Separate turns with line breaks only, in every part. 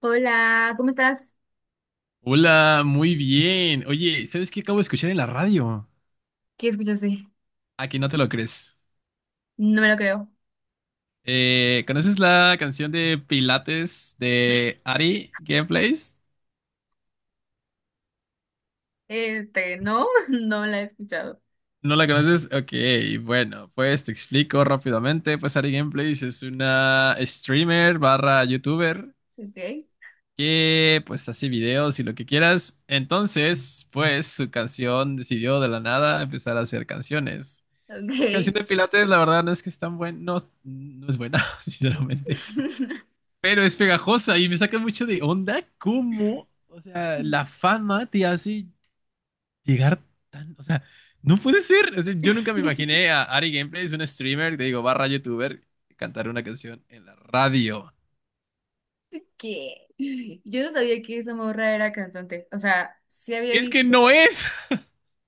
Hola, ¿cómo estás?
Hola, muy bien. Oye, ¿sabes qué acabo de escuchar en la radio?
¿Qué escuchaste?
Aquí no te lo crees.
No me lo creo.
¿Conoces la canción de Pilates de Ari Gameplays?
Este, no, no la he escuchado.
¿No la conoces? Ok, bueno, pues te explico rápidamente. Pues Ari Gameplays es una streamer barra youtuber
Ok,
que pues hace videos y lo que quieras. Entonces, pues su canción decidió de la nada empezar a hacer canciones. Su canción
ok.
de Pilates, la verdad, no es que es tan buena, no, no es buena, sinceramente. Pero es pegajosa y me saca mucho de onda cómo, o sea, la fama te hace llegar tan, o sea, no puede ser. O sea, yo nunca me imaginé a Ari Gameplays, un streamer, te digo, barra youtuber, cantar una canción en la radio.
¿Qué? Yo no sabía que esa morra era cantante. O sea, sí había
Es que
visto.
no es,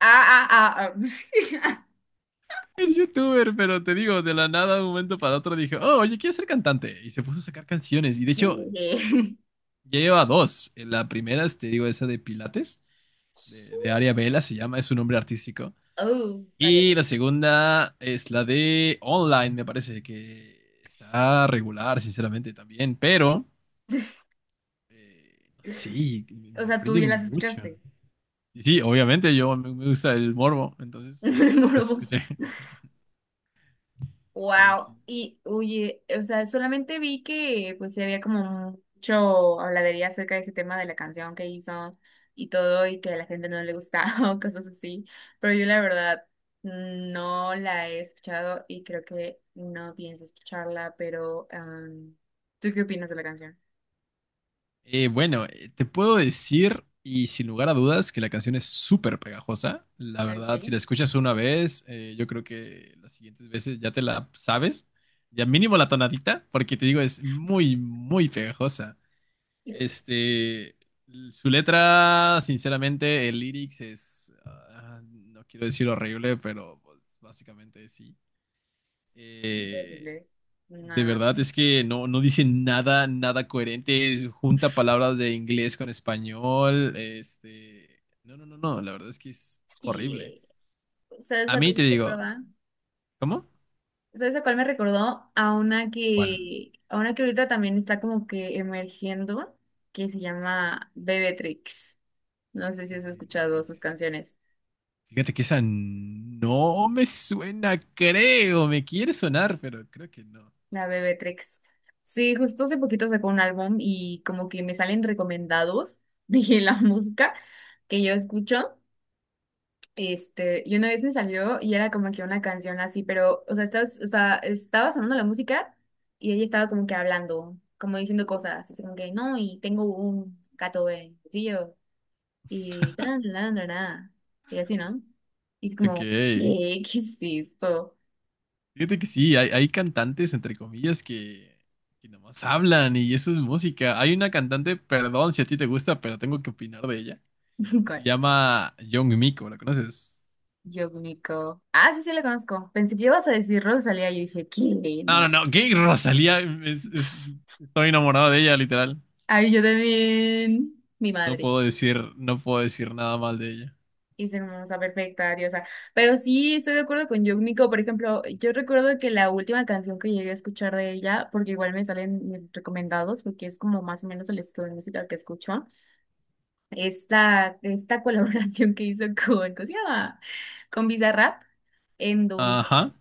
Ah, ah, ah, ah.
es youtuber, pero te digo, de la nada, de un momento para otro dije, oh, oye, quiero ser cantante. Y se puso a sacar canciones. Y de hecho,
¿Qué?
ya lleva dos. La primera, es, te digo, esa de Pilates, de Aria Vela se llama, es su nombre artístico.
Oh,
Y
Ariana.
la segunda es la de online, me parece que está regular, sinceramente, también, pero sí, me
O sea, tú
sorprende
ya las
mucho.
escuchaste.
Y sí, obviamente yo me gusta el morbo, entonces
Me
ya las
morbo.
escuché, pero
Wow,
sí.
y oye, o sea, solamente vi que pues sí había como mucho habladería acerca de ese tema de la canción que hizo y todo y que a la gente no le gustaba o cosas así, pero yo la verdad no la he escuchado y creo que no pienso escucharla, pero ¿tú qué opinas de la canción?
Bueno, te puedo decir, y sin lugar a dudas, que la canción es súper pegajosa. La verdad, si
Okay.
la escuchas una vez, yo creo que las siguientes veces ya te la sabes, ya mínimo la tonadita, porque te digo, es muy, muy pegajosa.
Sí,
Este, su letra, sinceramente, el lyrics es, no quiero decir horrible, pero pues, básicamente sí.
horrible.
De
No.
verdad es que no, no dice nada, nada coherente, es- junta palabras de inglés con español, este, no, no, no, no, la verdad es que es horrible.
Y, o sea,
A
esa
mí
cosa,
te digo,
¿verdad?
¿cómo?
¿Sabes a cuál me recordó?
¿Cuál?
A una que ahorita también está como que emergiendo, que se llama Bebetrix. No sé si has escuchado sus
Beatrix.
canciones.
Fíjate que esa no me suena, creo, me quiere sonar, pero creo que no.
La Bebetrix. Sí, justo hace poquito sacó un álbum y como que me salen recomendados de la música que yo escucho. Este, y una vez me salió y era como que una canción así, pero, o sea, estás, o sea, estaba sonando la música y ella estaba como que hablando, como diciendo cosas, así como que, no, y tengo un gato yo y tan, tan, tan, tan", y así, ¿no? Y es como,
Ok.
¿qué? ¿Qué es esto?
Fíjate que sí, hay cantantes, entre comillas, que nomás hablan y eso es música. Hay una cantante, perdón si a ti te gusta, pero tengo que opinar de ella, que
Con
se llama Young Miko, ¿la conoces?
Yogmiko. Ah, sí, sí, la conozco. Pensé que ibas a decir Rosalía y dije, ¿qué?
No, no,
No.
no, gay Rosalía, es- estoy enamorado de ella, literal.
Ay, yo también. Mi
No
madre.
puedo decir, no puedo decir nada mal de ella.
Es hermosa, perfecta, diosa. Pero sí, estoy de acuerdo con Yumiko. Por ejemplo, yo recuerdo que la última canción que llegué a escuchar de ella, porque igual me salen recomendados, porque es como más o menos el estilo de música que escucho, esta colaboración que hizo con, ¿cómo se llama? Con Bizarrap, en donde
Ajá.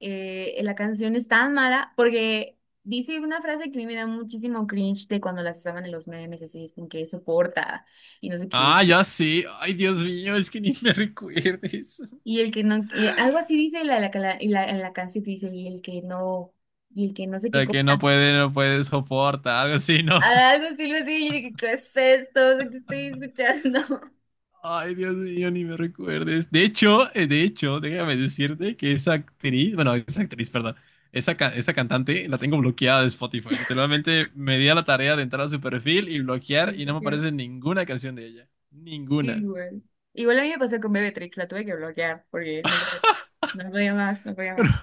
la canción es tan mala, porque dice una frase que a mí me da muchísimo cringe de cuando las usaban en los memes, así es como que soporta y no sé qué.
Ah, ya sí. Ay, Dios mío, es que ni me recuerdes.
Y el que no, y algo así dice la canción que dice, y el que no, y el que no sé qué
La
cosa.
que no puede, no puede soportar, algo así, ¿no?
Ah, algo así, lo así, y yo dije, ¿qué es esto? O sea, ¿qué estoy escuchando?
Ay, Dios mío, ni me recuerdes. De hecho, déjame decirte que esa actriz, bueno, esa actriz, perdón, esa, ca- esa cantante la tengo bloqueada de Spotify. Literalmente me di a la tarea de entrar a su perfil y
Y
bloquear y no
dije,
me
"qué
aparece ninguna canción de ella. Ninguna.
igual. Igual a mí me pasó con Bebetrix, la tuve que bloquear porque no podía más, no podía más.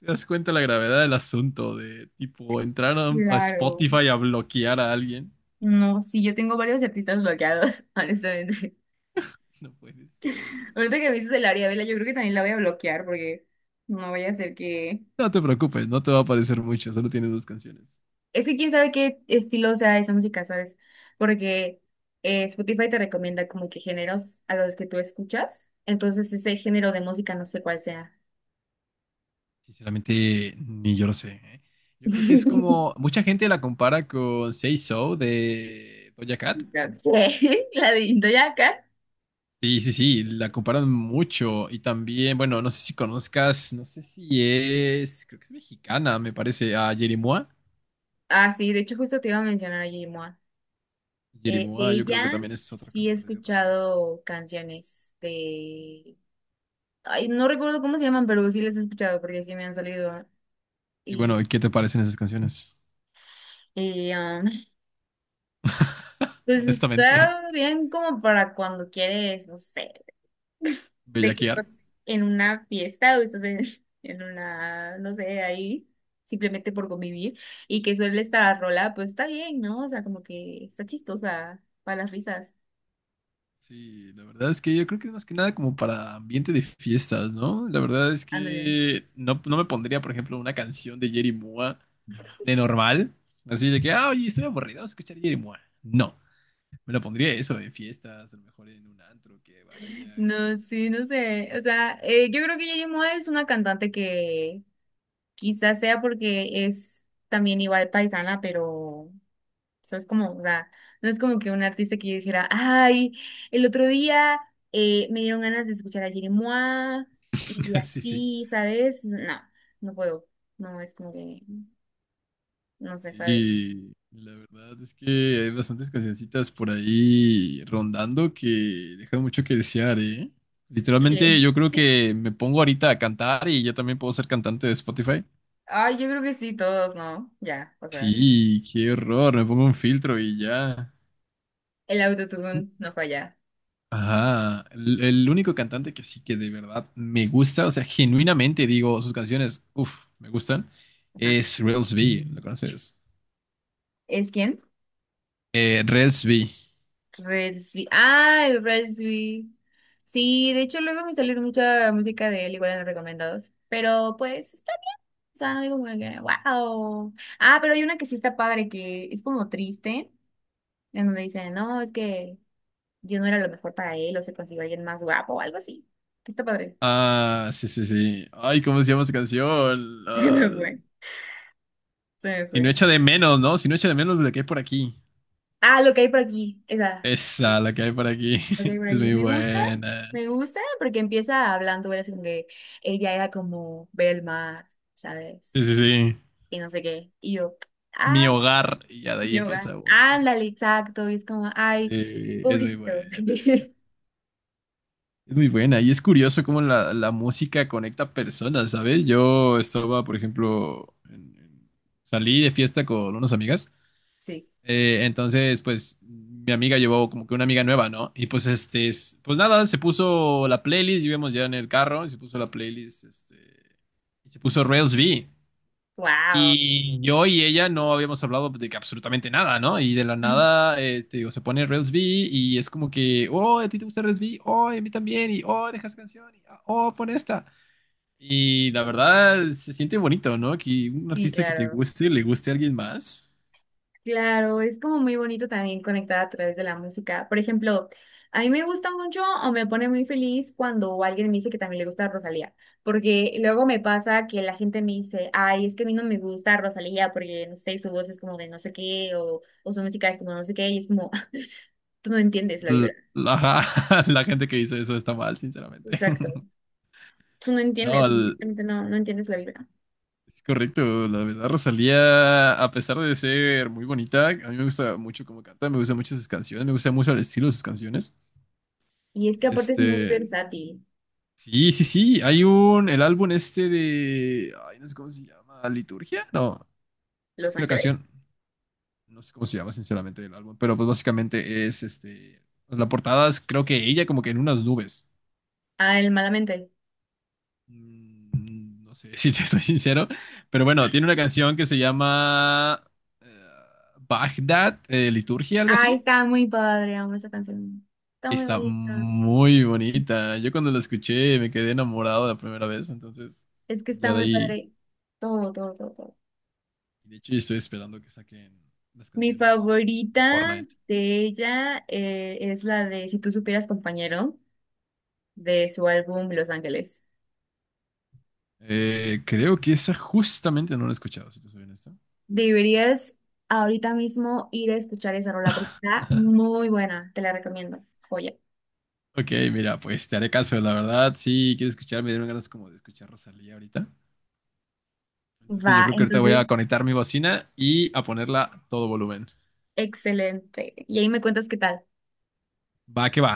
¿Te das cuenta la gravedad del asunto de, tipo, entrar a
Claro.
Spotify a bloquear a alguien?
No, sí, yo tengo varios artistas bloqueados, honestamente.
No puede ser.
Ahorita que me dices el Ariadna, yo creo que también la voy a bloquear porque no vaya a ser que
No te preocupes, no te va a aparecer mucho, solo tienes dos canciones.
es que quién sabe qué estilo sea esa música, ¿sabes? Porque Spotify te recomienda como que géneros a los que tú escuchas. Entonces, ese género de música no sé cuál sea.
Sinceramente, ni yo lo sé. ¿Eh? Yo creo que es como. Mucha gente la compara con Say So de Doja Cat.
Ya sé. La de Indoyaka.
Sí, sí, sí, la comparan mucho. Y también, bueno, no sé si conozcas, no sé si es. Creo que es mexicana, me parece, a Yeri-Mua.
Ah, sí, de hecho, justo te iba a mencionar a Yimoa. De
Yeri-Mua yo creo que
ella
también es otro
sí he
caso perdido para mí.
escuchado canciones de. Ay, no recuerdo cómo se llaman, pero sí las he escuchado porque sí me han salido.
Y bueno,
Y,
¿y qué te parecen esas canciones?
y pues
Honestamente,
está bien como para cuando quieres, no sé, de que
bellaquear.
estás en una fiesta o estás en, en una, no sé, ahí, simplemente por convivir, y que suele estar rola, pues está bien, ¿no? O sea, como que está chistosa para las risas.
Sí, la verdad es que yo creo que es más que nada como para ambiente de fiestas, ¿no? La verdad es
Ándale.
que no, no me pondría, por ejemplo, una canción de Jerry Mua de normal, así de que, ah, oye, estoy aburrido, vamos a escuchar Jerry Mua. No, me lo pondría eso en fiestas, a lo mejor en un antro que vaya. Que-
No, sí, no sé. O sea, yo creo que Yeri Moa es una cantante que quizás sea porque es también igual paisana, pero o sea, es como, o sea, no es como que un artista que yo dijera, ay, el otro día me dieron ganas de escuchar a Jerry Mois y
Sí, sí.
así, ¿sabes? No, no puedo. No, es como que, no sé, ¿sabes?
Sí, la verdad es que hay bastantes cancioncitas por ahí rondando que dejan mucho que desear, ¿eh? Literalmente
Que,
yo creo que me pongo ahorita a cantar y ya también puedo ser cantante de Spotify.
ay, yo creo que sí, todos, ¿no? Ya, o sea,
Sí, qué horror, me pongo un filtro y ya.
el autotune no falla.
Ajá, el único cantante que sí que de verdad me gusta, o sea, genuinamente digo, sus canciones, uff, me gustan,
Ajá.
es Rels B, ¿lo conoces?
¿Es quién?
Rels B.
Red Swe- ah, el Red Swe- sí, de hecho luego me salió mucha música de él, igual en los recomendados. Pero pues, o sea, no digo como que, wow. Ah, pero hay una que sí está padre, que es como triste, en donde dicen, no, es que yo no era lo mejor para él, o se consiguió alguien más guapo, o algo así. Que está padre.
Ah, sí, sí, sí. Ay, ¿cómo se llama esa canción?
Se me
Ah,
fue, se me
si no
fue.
echa de menos, ¿no? Si no echa de menos la que hay por aquí.
Ah, lo que hay por aquí, esa.
Esa, la que hay por aquí.
Lo que hay por
Es
aquí.
muy buena.
Me gusta, porque empieza hablando, era así como que ella era como ver el mar,
Sí,
¿sabes?
sí, sí.
Y no sé qué. Y
Mi
ah,
hogar. Y ya de ahí empieza uno.
ándale, exacto. Y es como, ay,
Sí, es muy
pobrecito.
buena. Es muy buena. Y es curioso cómo la, la música conecta personas, ¿sabes? Yo estaba, por ejemplo, en- salí de fiesta con unas amigas.
Sí.
Entonces, pues mi amiga llevó como que una amiga nueva, ¿no? Y pues este, es- pues nada, se puso la playlist, íbamos ya en el carro, y se puso la playlist, este, y se puso Rails V.
Wow.
Y yo y ella no habíamos hablado de que absolutamente nada, ¿no? Y de la nada, te digo, se pone Rails V y es como que, oh, ¿a ti te gusta Rails V? Oh, y a mí también, y oh, dejas canción, y ah, oh, pon esta. Y la verdad, se siente bonito, ¿no? Que un
Sí,
artista que te
claro.
guste, le guste a alguien más.
Claro, es como muy bonito también conectar a través de la música. Por ejemplo, a mí me gusta mucho o me pone muy feliz cuando alguien me dice que también le gusta Rosalía, porque luego me pasa que la gente me dice, ay, es que a mí no me gusta Rosalía porque, no sé, su voz es como de no sé qué o su música es como no sé qué y es como, tú no entiendes la vibra.
L- ajá, la gente que dice eso está mal, sinceramente.
Exacto. Tú no
No,
entiendes,
l-
simplemente no, no entiendes la vibra.
es correcto. La verdad, Rosalía, a pesar de ser muy bonita, a mí me gusta mucho cómo canta, me gustan mucho sus canciones, me gusta mucho el estilo de sus canciones.
Y es que aparte es muy
Este,
versátil.
sí, sí, sí, hay un, el álbum este de, ay, no sé cómo se llama, Liturgia, no, es
Los
que la
Ángeles.
canción, no sé cómo se llama, sinceramente, el álbum, pero pues básicamente es, este, pues, la portada es creo que ella como que en unas nubes.
Ah, el Malamente.
Mm, no sé si te soy sincero, pero bueno, tiene una canción que se llama eh, Bagdad, Liturgia, algo
Ay,
así.
está muy padre, amo esa canción. Está muy
Está
bonita.
muy bonita. Yo cuando la escuché me quedé enamorado la primera vez, entonces
Es que está
ya de
muy
ahí.
padre. Todo, todo, todo, todo.
De hecho, estoy esperando que saquen las
Mi
canciones
favorita
Fortnite.
de ella es la de Si tú supieras, compañero, de su álbum Los Ángeles.
Creo que esa justamente no la he escuchado, si te soy honesto.
Deberías ahorita mismo ir a escuchar esa rola porque está muy buena. Te la recomiendo. Joya.
Ok, mira, pues te haré caso, la verdad. Sí, quiero escuchar, me dieron ganas como de escuchar Rosalía ahorita. Entonces yo
Va,
creo que ahorita voy
entonces,
a conectar mi bocina y a ponerla a todo volumen.
excelente. Y ahí me cuentas qué tal.
Va que va.